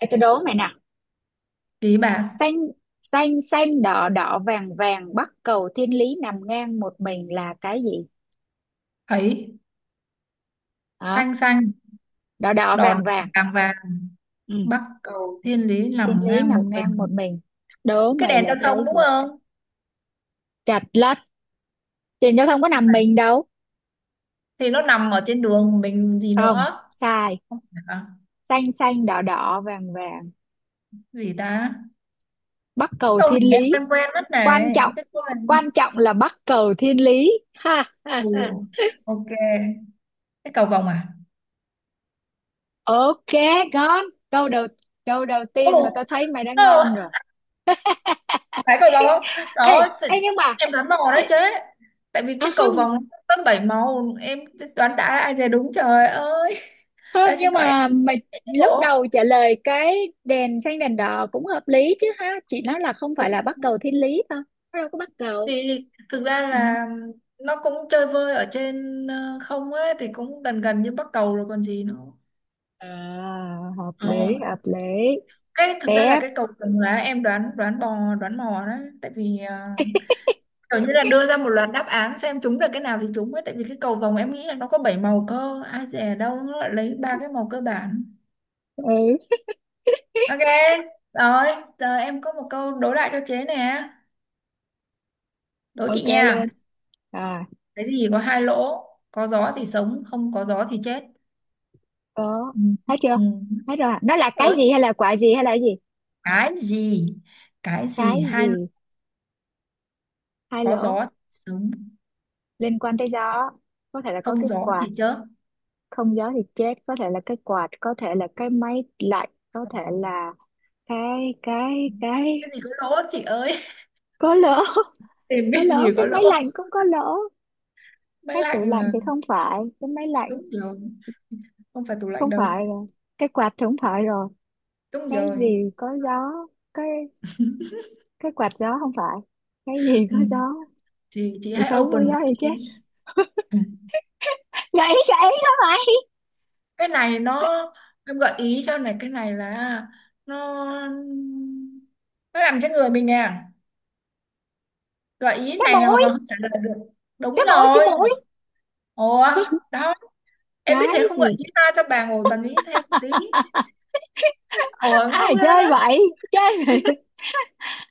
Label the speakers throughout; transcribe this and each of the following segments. Speaker 1: Ê, tôi đố mày nè:
Speaker 2: Ý bạn
Speaker 1: xanh xanh xanh đỏ đỏ vàng vàng, bắc cầu thiên lý nằm ngang một mình là cái gì?
Speaker 2: thấy
Speaker 1: Hả?
Speaker 2: xanh xanh
Speaker 1: Đỏ đỏ
Speaker 2: đỏ đỏ
Speaker 1: vàng vàng,
Speaker 2: vàng vàng
Speaker 1: ừ.
Speaker 2: bắc cầu thiên lý
Speaker 1: Thiên
Speaker 2: nằm
Speaker 1: lý
Speaker 2: ngang một
Speaker 1: nằm ngang
Speaker 2: mình.
Speaker 1: một mình, đố
Speaker 2: Cái
Speaker 1: mày
Speaker 2: đèn
Speaker 1: là
Speaker 2: giao thông
Speaker 1: cái
Speaker 2: đúng
Speaker 1: gì?
Speaker 2: không?
Speaker 1: Chật lất, thì nó không có nằm mình đâu.
Speaker 2: Thì nó nằm ở trên đường mình gì
Speaker 1: Không
Speaker 2: nữa.
Speaker 1: sai.
Speaker 2: Không phải à?
Speaker 1: Xanh xanh đỏ đỏ vàng vàng,
Speaker 2: Gì ta,
Speaker 1: bắc cầu
Speaker 2: câu này
Speaker 1: thiên
Speaker 2: em
Speaker 1: lý.
Speaker 2: quen quen mất này,
Speaker 1: Quan trọng,
Speaker 2: em thích quá này.
Speaker 1: quan trọng là bắc cầu thiên lý, ha ha
Speaker 2: Ừ,
Speaker 1: ha.
Speaker 2: ok, cái cầu vồng à?
Speaker 1: Ok, ngon câu đầu, câu đầu tiên mà tao
Speaker 2: Ồ,
Speaker 1: thấy mày đã
Speaker 2: ờ,
Speaker 1: ngon rồi.
Speaker 2: phải cầu vồng không?
Speaker 1: Ê,
Speaker 2: Đó thì
Speaker 1: ê nhưng mà,
Speaker 2: em đoán mò
Speaker 1: ê,
Speaker 2: đấy chứ, tại vì
Speaker 1: à
Speaker 2: cái cầu
Speaker 1: không.
Speaker 2: vồng nó có bảy màu em, đoán đã ai về đúng trời ơi.
Speaker 1: Không
Speaker 2: Ê, xin
Speaker 1: nhưng
Speaker 2: lỗi em,
Speaker 1: mà mày
Speaker 2: cái
Speaker 1: lúc
Speaker 2: bộ
Speaker 1: đầu trả lời cái đèn xanh đèn đỏ cũng hợp lý chứ ha, chị nói là không phải là bắc cầu thiên lý thôi, nó đâu có bắc cầu.
Speaker 2: thì thực ra
Speaker 1: Ừ.
Speaker 2: là nó cũng chơi vơi ở trên, không ấy thì cũng gần gần như Bắc Cầu rồi còn gì nữa.
Speaker 1: À, hợp
Speaker 2: Ờ.
Speaker 1: lý, hợp lý.
Speaker 2: Cái thực ra là
Speaker 1: Tép,
Speaker 2: cái cầu Trồng Lá em đoán, đoán bò đoán mò đó, tại vì kiểu như là đưa ra một loạt đáp án xem trúng được cái nào thì trúng ấy, tại vì cái cầu vồng em nghĩ là nó có 7 màu cơ, ai dè đâu nó lại lấy ba cái màu cơ bản.
Speaker 1: ừ,
Speaker 2: Ok rồi, giờ em có một câu đố lại cho chế nè, đố chị
Speaker 1: ok luôn.
Speaker 2: nha.
Speaker 1: À,
Speaker 2: Cái gì có hai lỗ, có gió thì sống không có gió thì chết?
Speaker 1: có.
Speaker 2: Ừ.
Speaker 1: Thấy chưa?
Speaker 2: Ừ.
Speaker 1: Thấy rồi. À? Nó là cái
Speaker 2: Rồi,
Speaker 1: gì hay là quả gì hay là cái gì?
Speaker 2: cái gì, cái
Speaker 1: Cái
Speaker 2: gì hai lỗ,
Speaker 1: gì? Hai
Speaker 2: có
Speaker 1: lỗ,
Speaker 2: gió thì sướng
Speaker 1: liên quan tới gió. Có thể là có
Speaker 2: không
Speaker 1: cái
Speaker 2: gió
Speaker 1: quạt,
Speaker 2: thì chớp?
Speaker 1: không gió thì chết, có thể là cái quạt, có thể là cái máy lạnh, có thể
Speaker 2: Không.
Speaker 1: là cái cái
Speaker 2: Cái
Speaker 1: cái
Speaker 2: gì có lỗ chị ơi?
Speaker 1: có lỗ.
Speaker 2: Tìm
Speaker 1: Có
Speaker 2: cái gì
Speaker 1: lỗ,
Speaker 2: có
Speaker 1: cái máy
Speaker 2: lỗ,
Speaker 1: lạnh cũng có lỗ.
Speaker 2: máy
Speaker 1: Cái
Speaker 2: lạnh
Speaker 1: tủ lạnh
Speaker 2: là
Speaker 1: thì không phải, cái máy lạnh
Speaker 2: đúng rồi, không phải tủ lạnh
Speaker 1: không phải
Speaker 2: đâu,
Speaker 1: rồi, cái quạt thì không phải rồi.
Speaker 2: đúng
Speaker 1: Cái
Speaker 2: rồi.
Speaker 1: gì có gió? cái cái quạt gió không phải. Cái gì
Speaker 2: Ừ.
Speaker 1: có gió
Speaker 2: Thì chị
Speaker 1: thì
Speaker 2: hãy
Speaker 1: sống, có
Speaker 2: open nó
Speaker 1: gió thì
Speaker 2: đi.
Speaker 1: chết?
Speaker 2: Ừ.
Speaker 1: Gãy gãy đó mày.
Speaker 2: cái này nó Em gợi ý cho này, cái này là nó nó nằm trên người mình nè, gợi ý
Speaker 1: Cái
Speaker 2: này là mà
Speaker 1: mũi!
Speaker 2: còn không trả lời được. Đúng
Speaker 1: cái mũi cái
Speaker 2: rồi.
Speaker 1: mũi
Speaker 2: Ủa, đó. Em biết
Speaker 1: Cái
Speaker 2: thế không vậy?
Speaker 1: gì?
Speaker 2: Nghĩ ra cho bà ngồi bà nghĩ thêm một tí. Ủa ngu
Speaker 1: Ai
Speaker 2: ghê
Speaker 1: chơi
Speaker 2: đó.
Speaker 1: vậy, chơi vậy.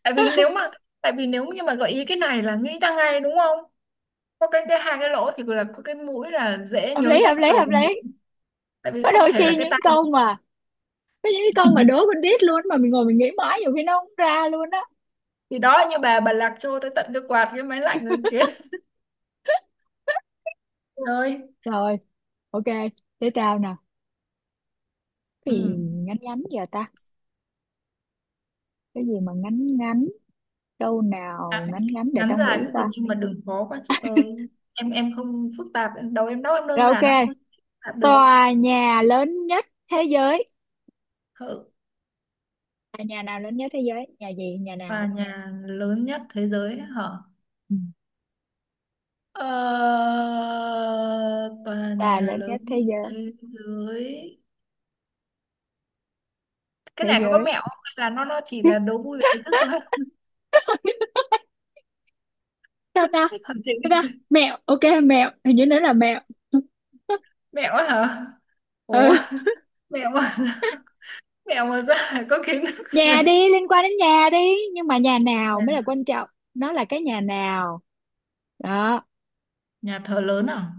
Speaker 2: Tại vì nếu mà Tại vì nếu như mà gợi ý cái này là nghĩ ra ngay đúng không? Có cái hai cái lỗ thì là có cái mũi là dễ
Speaker 1: Hợp
Speaker 2: nhớ
Speaker 1: lý,
Speaker 2: nhất
Speaker 1: hợp lý,
Speaker 2: rồi.
Speaker 1: hợp lý.
Speaker 2: Tại vì
Speaker 1: Có
Speaker 2: không
Speaker 1: đôi
Speaker 2: thể là
Speaker 1: khi
Speaker 2: cái
Speaker 1: những
Speaker 2: tay
Speaker 1: câu
Speaker 2: được.
Speaker 1: mà, có những cái câu mà đố con đít luôn mà mình ngồi mình nghĩ mãi, nhiều khi nó không ra luôn á.
Speaker 2: Thì đó, như bà lạc trôi tới tận cái quạt cái máy lạnh rồi kia. Rồi.
Speaker 1: Rồi, ok, thế tao nè. Cái gì
Speaker 2: Ừ.
Speaker 1: ngắn ngắn giờ ta? Cái gì mà ngắn ngắn, câu nào
Speaker 2: Ngắn,
Speaker 1: ngắn ngắn để
Speaker 2: ngắn
Speaker 1: tao
Speaker 2: dài
Speaker 1: nghĩ
Speaker 2: cũng được
Speaker 1: coi.
Speaker 2: nhưng mà đừng khó quá chị ơi. Em không phức tạp, em đầu em đâu em đơn
Speaker 1: Rồi,
Speaker 2: giản lắm,
Speaker 1: ok,
Speaker 2: không phức tạp được.
Speaker 1: tòa nhà lớn nhất thế giới.
Speaker 2: Thợ
Speaker 1: Tòa nhà nào lớn nhất thế giới, nhà gì nhà nào?
Speaker 2: và nhà lớn nhất thế giới hả?
Speaker 1: Ừ.
Speaker 2: Ờ, tòa
Speaker 1: Tòa
Speaker 2: nhà
Speaker 1: lớn
Speaker 2: lớn
Speaker 1: nhất thế
Speaker 2: nhất
Speaker 1: giới,
Speaker 2: thế giới, cái
Speaker 1: thế
Speaker 2: này có
Speaker 1: giới.
Speaker 2: mẹo không hay là nó chỉ là đố vui về kiến thức thôi?
Speaker 1: Sao ta,
Speaker 2: Hả chị?
Speaker 1: sao ta? Mẹo, ok, mẹo, hình như nó là mẹo.
Speaker 2: Mẹo á hả? Ủa,
Speaker 1: Ừ,
Speaker 2: mẹo mà, mẹo mà ra là có kiến thức rồi.
Speaker 1: nhà đi, liên quan đến nhà đi, nhưng mà nhà nào mới là
Speaker 2: Nhà,
Speaker 1: quan trọng, nó là cái nhà nào đó.
Speaker 2: nhà thờ lớn à?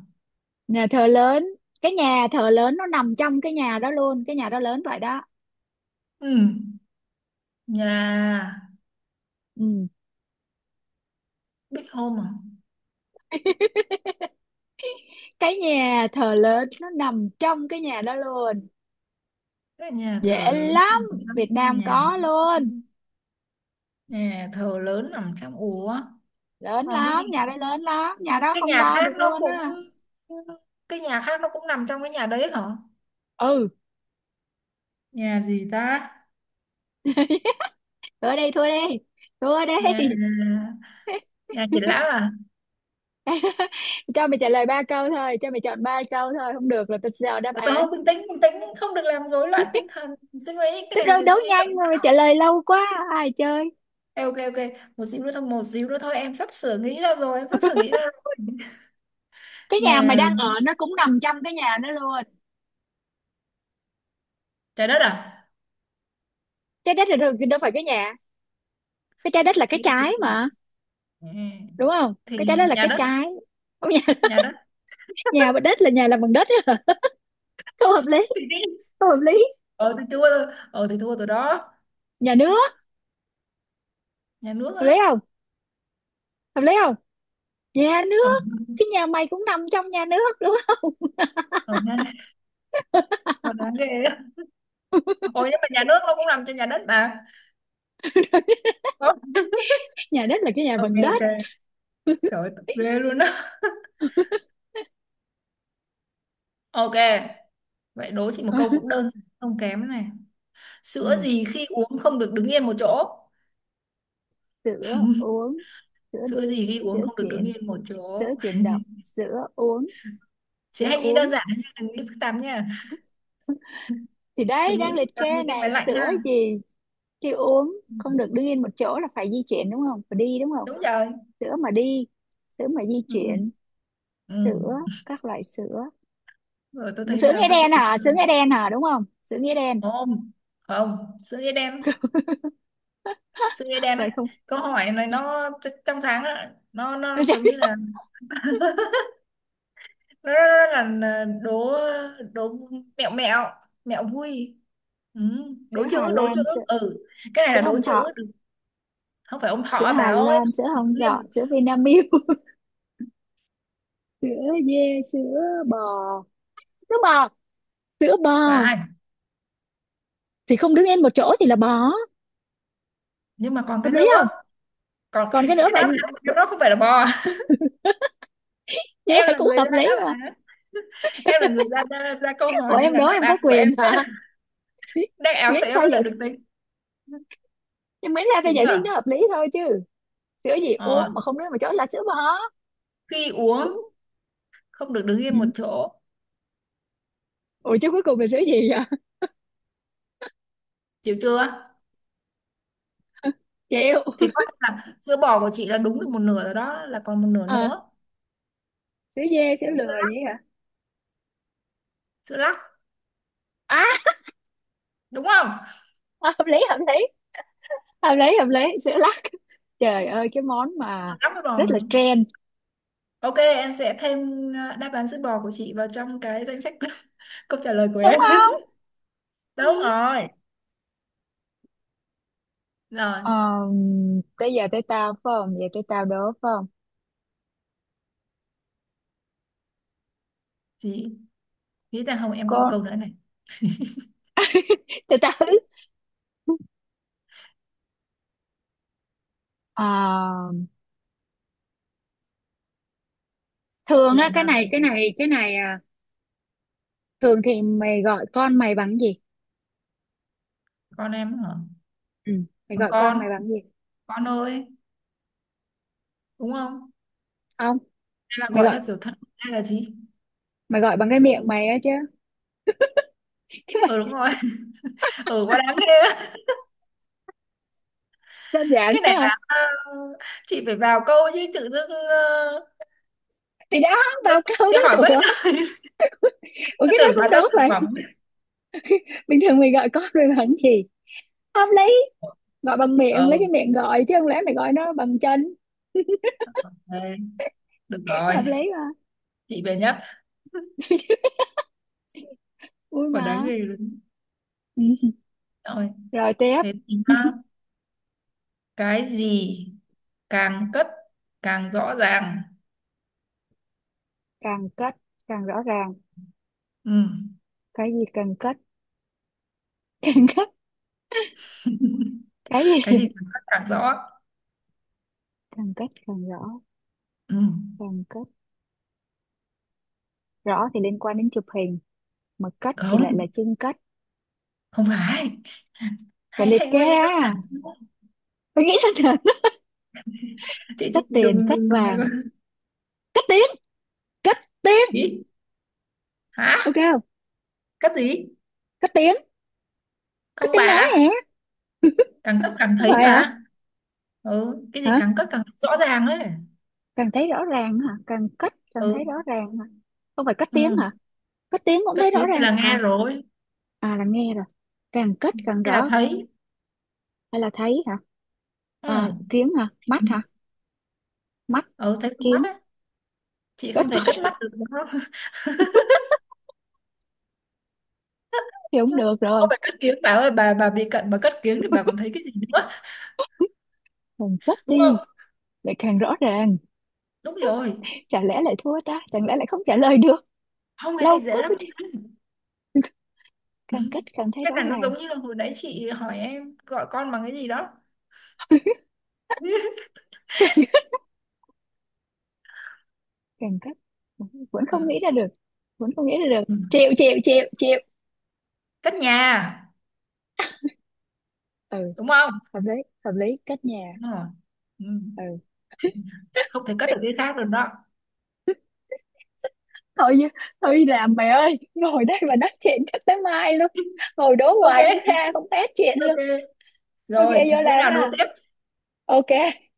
Speaker 1: Nhà thờ lớn, cái nhà thờ lớn nó nằm trong cái nhà đó luôn, cái nhà đó lớn vậy đó.
Speaker 2: Ừ, nhà,
Speaker 1: Ừ.
Speaker 2: Big Home à?
Speaker 1: Cái nhà thờ lớn nó nằm trong cái nhà đó luôn,
Speaker 2: Cái nhà thờ
Speaker 1: dễ
Speaker 2: lớn
Speaker 1: lắm,
Speaker 2: nằm trong
Speaker 1: Việt
Speaker 2: cái
Speaker 1: Nam
Speaker 2: nhà đó,
Speaker 1: có luôn.
Speaker 2: nhà thờ lớn nằm trong, ủa
Speaker 1: Lớn
Speaker 2: còn cái gì,
Speaker 1: lắm, nhà đó lớn lắm, nhà đó
Speaker 2: cái
Speaker 1: không
Speaker 2: nhà
Speaker 1: đo
Speaker 2: khác
Speaker 1: được
Speaker 2: nó
Speaker 1: luôn
Speaker 2: cũng
Speaker 1: á.
Speaker 2: cái nhà khác nó cũng nằm trong cái nhà đấy hả?
Speaker 1: Ừ,
Speaker 2: Nhà gì ta?
Speaker 1: thua đi, thua đi, thua
Speaker 2: Nhà,
Speaker 1: đi.
Speaker 2: nhà triển lãm à?
Speaker 1: Cho mày trả lời ba câu thôi, cho mày chọn ba câu thôi, không được là tao sẽ đọc đáp
Speaker 2: Tớ
Speaker 1: án.
Speaker 2: không bình tĩnh, bình tĩnh, không được làm rối loạn tinh thần. Suy nghĩ, cái
Speaker 1: Thế
Speaker 2: này là
Speaker 1: rồi
Speaker 2: phải
Speaker 1: đấu
Speaker 2: suy nghĩ
Speaker 1: nhanh
Speaker 2: động
Speaker 1: mà mày trả
Speaker 2: não.
Speaker 1: lời lâu quá, ai chơi.
Speaker 2: Ê, ok, ok, một xíu nữa thôi, một xíu nữa thôi, em sắp sửa nghĩ ra rồi, em sắp sửa nghĩ ra rồi.
Speaker 1: Cái nhà mày
Speaker 2: Nhà,
Speaker 1: đang ở nó cũng nằm trong cái nhà đó luôn.
Speaker 2: trái đất à?
Speaker 1: Trái đất là đâu, đâu phải cái nhà. Cái trái đất là
Speaker 2: Thì
Speaker 1: cái trái mà,
Speaker 2: ừ,
Speaker 1: đúng không?
Speaker 2: thì
Speaker 1: Cái trái đất là
Speaker 2: nhà
Speaker 1: cái
Speaker 2: đất,
Speaker 1: trái. Không, nhà.
Speaker 2: nhà đất.
Speaker 1: Nhà bằng đất là nhà làm bằng đất. Á. Không hợp lý, không hợp lý.
Speaker 2: Ờ thì thua rồi, ờ thì thua rồi đó.
Speaker 1: Nhà nước,
Speaker 2: Nhà nước
Speaker 1: hợp lý
Speaker 2: á?
Speaker 1: không? Hợp lý không? Nhà
Speaker 2: Ờ,
Speaker 1: nước, cái nhà mày cũng nằm trong nhà nước, đúng không?
Speaker 2: ờ ha, còn đáng ghê á. Ồ nhưng mà nhà nước nó cũng làm trên nhà đất mà. Ờ,
Speaker 1: Nhà đất là cái nhà
Speaker 2: ok,
Speaker 1: bằng
Speaker 2: ok,
Speaker 1: đất.
Speaker 2: trời ơi, tập ghê luôn á. Ok, vậy đố chị một câu cũng đơn giản, không kém này. Sữa
Speaker 1: Ừ,
Speaker 2: gì khi uống không được đứng yên một chỗ?
Speaker 1: sữa uống, sữa
Speaker 2: Sữa
Speaker 1: đi,
Speaker 2: gì khi uống
Speaker 1: sữa
Speaker 2: không được đứng
Speaker 1: chuyện,
Speaker 2: yên một
Speaker 1: sữa
Speaker 2: chỗ?
Speaker 1: chuyển động, sữa uống,
Speaker 2: Chị
Speaker 1: sữa
Speaker 2: hãy nghĩ đơn
Speaker 1: uống.
Speaker 2: giản thôi nha, đừng nghĩ phức tạp nha.
Speaker 1: Thì đấy
Speaker 2: Đừng nghĩ
Speaker 1: đang liệt
Speaker 2: phức tạp
Speaker 1: kê
Speaker 2: như cái
Speaker 1: này,
Speaker 2: máy lạnh
Speaker 1: sữa
Speaker 2: ha.
Speaker 1: gì khi uống không được đứng yên một chỗ là phải di chuyển, đúng không, phải đi đúng không?
Speaker 2: Đúng rồi.
Speaker 1: Sữa mà đi, sữa mà di
Speaker 2: Ừ.
Speaker 1: chuyển,
Speaker 2: Ừ.
Speaker 1: sữa, các loại sữa,
Speaker 2: Rồi tôi thấy
Speaker 1: sữa
Speaker 2: bà
Speaker 1: nghĩa
Speaker 2: sắp sửa
Speaker 1: đen
Speaker 2: đúng
Speaker 1: hả, sữa
Speaker 2: rồi.
Speaker 1: nghĩa đen hả, đúng không, sữa nghĩa đen?
Speaker 2: Không, không, sữa ê đen á.
Speaker 1: Vậy không?
Speaker 2: Câu hỏi này nó trong sáng á, nó giống như là nó là đố, đố mẹo, mẹo mẹo vui. Ừ.
Speaker 1: Sữa
Speaker 2: Đố chữ,
Speaker 1: Hà
Speaker 2: đố chữ.
Speaker 1: Lan, sữa,
Speaker 2: Ừ, cái này là
Speaker 1: sữa
Speaker 2: đố
Speaker 1: Hồng
Speaker 2: chữ
Speaker 1: Thọ,
Speaker 2: được. Không phải ông
Speaker 1: sữa
Speaker 2: thọ bà
Speaker 1: Hà
Speaker 2: ơi,
Speaker 1: Lan, sữa Hồng
Speaker 2: liêm
Speaker 1: Dọ,
Speaker 2: được
Speaker 1: sữa Vinamilk. Sữa dê, sữa bò, sữa bò, sữa bò,
Speaker 2: phải,
Speaker 1: thì không đứng yên một chỗ thì là bò.
Speaker 2: nhưng mà còn
Speaker 1: Hợp
Speaker 2: cái
Speaker 1: lý
Speaker 2: nữa,
Speaker 1: không?
Speaker 2: còn
Speaker 1: Còn cái nữa
Speaker 2: cái đáp
Speaker 1: vậy?
Speaker 2: án của em nó không phải là bò.
Speaker 1: Nhưng
Speaker 2: Em
Speaker 1: mà
Speaker 2: là
Speaker 1: cũng
Speaker 2: người
Speaker 1: hợp
Speaker 2: ra
Speaker 1: lý
Speaker 2: đáp
Speaker 1: mà.
Speaker 2: án, em là người ra ra, ra câu
Speaker 1: Ủa
Speaker 2: hỏi nên
Speaker 1: em
Speaker 2: là
Speaker 1: đố
Speaker 2: đáp
Speaker 1: em có
Speaker 2: án của
Speaker 1: quyền
Speaker 2: em mới
Speaker 1: hả?
Speaker 2: là- đáp án
Speaker 1: Miễn
Speaker 2: của em
Speaker 1: sao
Speaker 2: mới là
Speaker 1: vậy,
Speaker 2: được tính.
Speaker 1: nhưng miễn sao tao
Speaker 2: Chịu
Speaker 1: giải thích
Speaker 2: chưa?
Speaker 1: nó hợp lý thôi chứ. Sữa gì
Speaker 2: Ờ.
Speaker 1: uống mà không nói mà chó là sữa bò.
Speaker 2: Khi uống
Speaker 1: Đúng.
Speaker 2: không được đứng yên một
Speaker 1: Ừ.
Speaker 2: chỗ.
Speaker 1: Ủa chứ cuối cùng là sữa gì vậy?
Speaker 2: Chịu chưa?
Speaker 1: Chịu.
Speaker 2: Thì coi như là sữa bò của chị là đúng được một nửa rồi đó, là còn một nửa
Speaker 1: À,
Speaker 2: nữa.
Speaker 1: sữa dê sữa lừa gì hả?
Speaker 2: Sữa lắc,
Speaker 1: À,
Speaker 2: đúng không?
Speaker 1: hợp lý, hợp lý, hợp lý, hợp lý, sữa lắc. Trời ơi, cái món mà
Speaker 2: Ờ, lắc với bò
Speaker 1: rất
Speaker 2: mà.
Speaker 1: là trend,
Speaker 2: Ok em sẽ thêm, ờ, đáp án sữa bò của chị vào trong cái danh sách câu trả lời của
Speaker 1: đúng
Speaker 2: em.
Speaker 1: không? Ừ.
Speaker 2: Đúng rồi. Rồi
Speaker 1: Ờ, tới giờ tới tao phải không, giờ tới tao đố, phải không?
Speaker 2: chị nghĩ rằng không, em có một
Speaker 1: Con,
Speaker 2: câu nữa này.
Speaker 1: tới tao. Ờ, thường á,
Speaker 2: Lẽ
Speaker 1: cái
Speaker 2: nào
Speaker 1: này cái
Speaker 2: em-
Speaker 1: này cái này à, thường thì mày gọi con mày bằng gì?
Speaker 2: con em hả?
Speaker 1: Ừ. Mày
Speaker 2: Bằng
Speaker 1: gọi con
Speaker 2: con
Speaker 1: mày bằng gì?
Speaker 2: con ơi, đúng không,
Speaker 1: Không,
Speaker 2: hay là
Speaker 1: mày
Speaker 2: gọi
Speaker 1: gọi
Speaker 2: theo kiểu thân hay là gì?
Speaker 1: mày gọi bằng cái miệng mày á chứ. Chứ
Speaker 2: Ừ đúng
Speaker 1: mày,
Speaker 2: rồi. Ừ quá đáng ghê á.
Speaker 1: đơn giản
Speaker 2: Cái này
Speaker 1: ha.
Speaker 2: là chị phải vào câu chứ tự dưng
Speaker 1: Thì đó,
Speaker 2: dưng
Speaker 1: vào câu
Speaker 2: chị
Speaker 1: đó
Speaker 2: hỏi bất
Speaker 1: đùa. Ủa cái đó
Speaker 2: tưởng
Speaker 1: cũng
Speaker 2: bà ta
Speaker 1: đúng
Speaker 2: thực
Speaker 1: vậy,
Speaker 2: phẩm.
Speaker 1: bình thường mày gọi con mày bằng gì, hợp lý, gọi bằng miệng, lấy cái
Speaker 2: Ừ,
Speaker 1: miệng gọi chứ không lẽ mày gọi nó bằng chân.
Speaker 2: ok, được rồi.
Speaker 1: Hợp lý mà.
Speaker 2: Chị về nhất,
Speaker 1: Vui
Speaker 2: còn đáng
Speaker 1: mà.
Speaker 2: ghê luôn.
Speaker 1: Ừ.
Speaker 2: Rồi.
Speaker 1: Rồi tiếp,
Speaker 2: Thế thì nhá, cái gì càng cất càng rõ ràng?
Speaker 1: càng cất càng rõ ràng,
Speaker 2: Ừ.
Speaker 1: cái gì càng cất? Càng cất, cái
Speaker 2: Cái gì
Speaker 1: gì
Speaker 2: càng cất càng rõ?
Speaker 1: càng cất càng rõ?
Speaker 2: Ừ.
Speaker 1: Càng cất, rõ thì liên quan đến chụp hình, mà cất thì
Speaker 2: Không,
Speaker 1: lại là chưng cất,
Speaker 2: không phải,
Speaker 1: phải
Speaker 2: hãy
Speaker 1: liệt
Speaker 2: hãy
Speaker 1: kê
Speaker 2: nghĩ đơn giản
Speaker 1: ra,
Speaker 2: thôi.
Speaker 1: phải nghĩ ra thật.
Speaker 2: chị chị,
Speaker 1: Cất
Speaker 2: chị
Speaker 1: tiền,
Speaker 2: đừng,
Speaker 1: cất
Speaker 2: đừng đừng
Speaker 1: vàng,
Speaker 2: đừng.
Speaker 1: cất đi, cất tiếng,
Speaker 2: Ý hả,
Speaker 1: ok không?
Speaker 2: cất gì?
Speaker 1: Cất tiếng, cất
Speaker 2: Không
Speaker 1: tiếng nói
Speaker 2: bà,
Speaker 1: hả?
Speaker 2: càng cất càng
Speaker 1: Không
Speaker 2: thấy
Speaker 1: phải hả?
Speaker 2: mà. Ừ, cái gì
Speaker 1: Hả?
Speaker 2: càng cất càng rõ ràng ấy.
Speaker 1: Càng thấy rõ ràng hả, càng cất, càng
Speaker 2: Ừ,
Speaker 1: thấy rõ ràng hả? Không phải cất
Speaker 2: ừ.
Speaker 1: tiếng hả? Cất tiếng cũng
Speaker 2: Cất
Speaker 1: thấy
Speaker 2: thứ
Speaker 1: rõ ràng
Speaker 2: là nghe
Speaker 1: à?
Speaker 2: rồi,
Speaker 1: À, là nghe rồi, càng cất càng
Speaker 2: hay là
Speaker 1: rõ,
Speaker 2: thấy?
Speaker 1: hay là thấy hả?
Speaker 2: Ừ.
Speaker 1: À, kiến hả, mắt hả, mắt,
Speaker 2: Ừ thấy con mắt
Speaker 1: kiến,
Speaker 2: ấy. Chị
Speaker 1: cất
Speaker 2: không thể
Speaker 1: mắt.
Speaker 2: cất mắt được đúng?
Speaker 1: Thì không được rồi.
Speaker 2: Không phải cất kiếng bà ơi, bà bị cận bà cất kiếng thì bà còn thấy cái gì nữa,
Speaker 1: Càng cất
Speaker 2: đúng
Speaker 1: đi
Speaker 2: không?
Speaker 1: lại càng rõ ràng,
Speaker 2: Đúng rồi.
Speaker 1: chả lẽ lại thua ta, chẳng lẽ lại không trả lời được,
Speaker 2: Không cái
Speaker 1: lâu
Speaker 2: này
Speaker 1: quá
Speaker 2: dễ
Speaker 1: mới-
Speaker 2: lắm.
Speaker 1: càng cất càng thấy
Speaker 2: Cái
Speaker 1: rõ
Speaker 2: này nó
Speaker 1: ràng.
Speaker 2: giống như là hồi nãy chị hỏi em gọi con bằng cái gì đó.
Speaker 1: Càng cấp, vẫn
Speaker 2: Ừ.
Speaker 1: không nghĩ ra được, vẫn không nghĩ ra được,
Speaker 2: Ừ.
Speaker 1: chịu chịu chịu chịu.
Speaker 2: Cất nhà
Speaker 1: Ừ,
Speaker 2: đúng không?
Speaker 1: hợp lý, hợp lý, cách nhà.
Speaker 2: Đúng rồi. Ừ.
Speaker 1: Ừ,
Speaker 2: Không thể cất được cái khác được đó.
Speaker 1: thôi chứ, thôi đi làm mày ơi, ngồi đây mà nói chuyện chắc tới mai luôn, ngồi đố hoài không
Speaker 2: Ok,
Speaker 1: ra, không hết chuyện
Speaker 2: ok,
Speaker 1: luôn. Ok
Speaker 2: rồi
Speaker 1: vô
Speaker 2: bữa
Speaker 1: làm
Speaker 2: nào đố
Speaker 1: ha,
Speaker 2: tiếp.
Speaker 1: ok.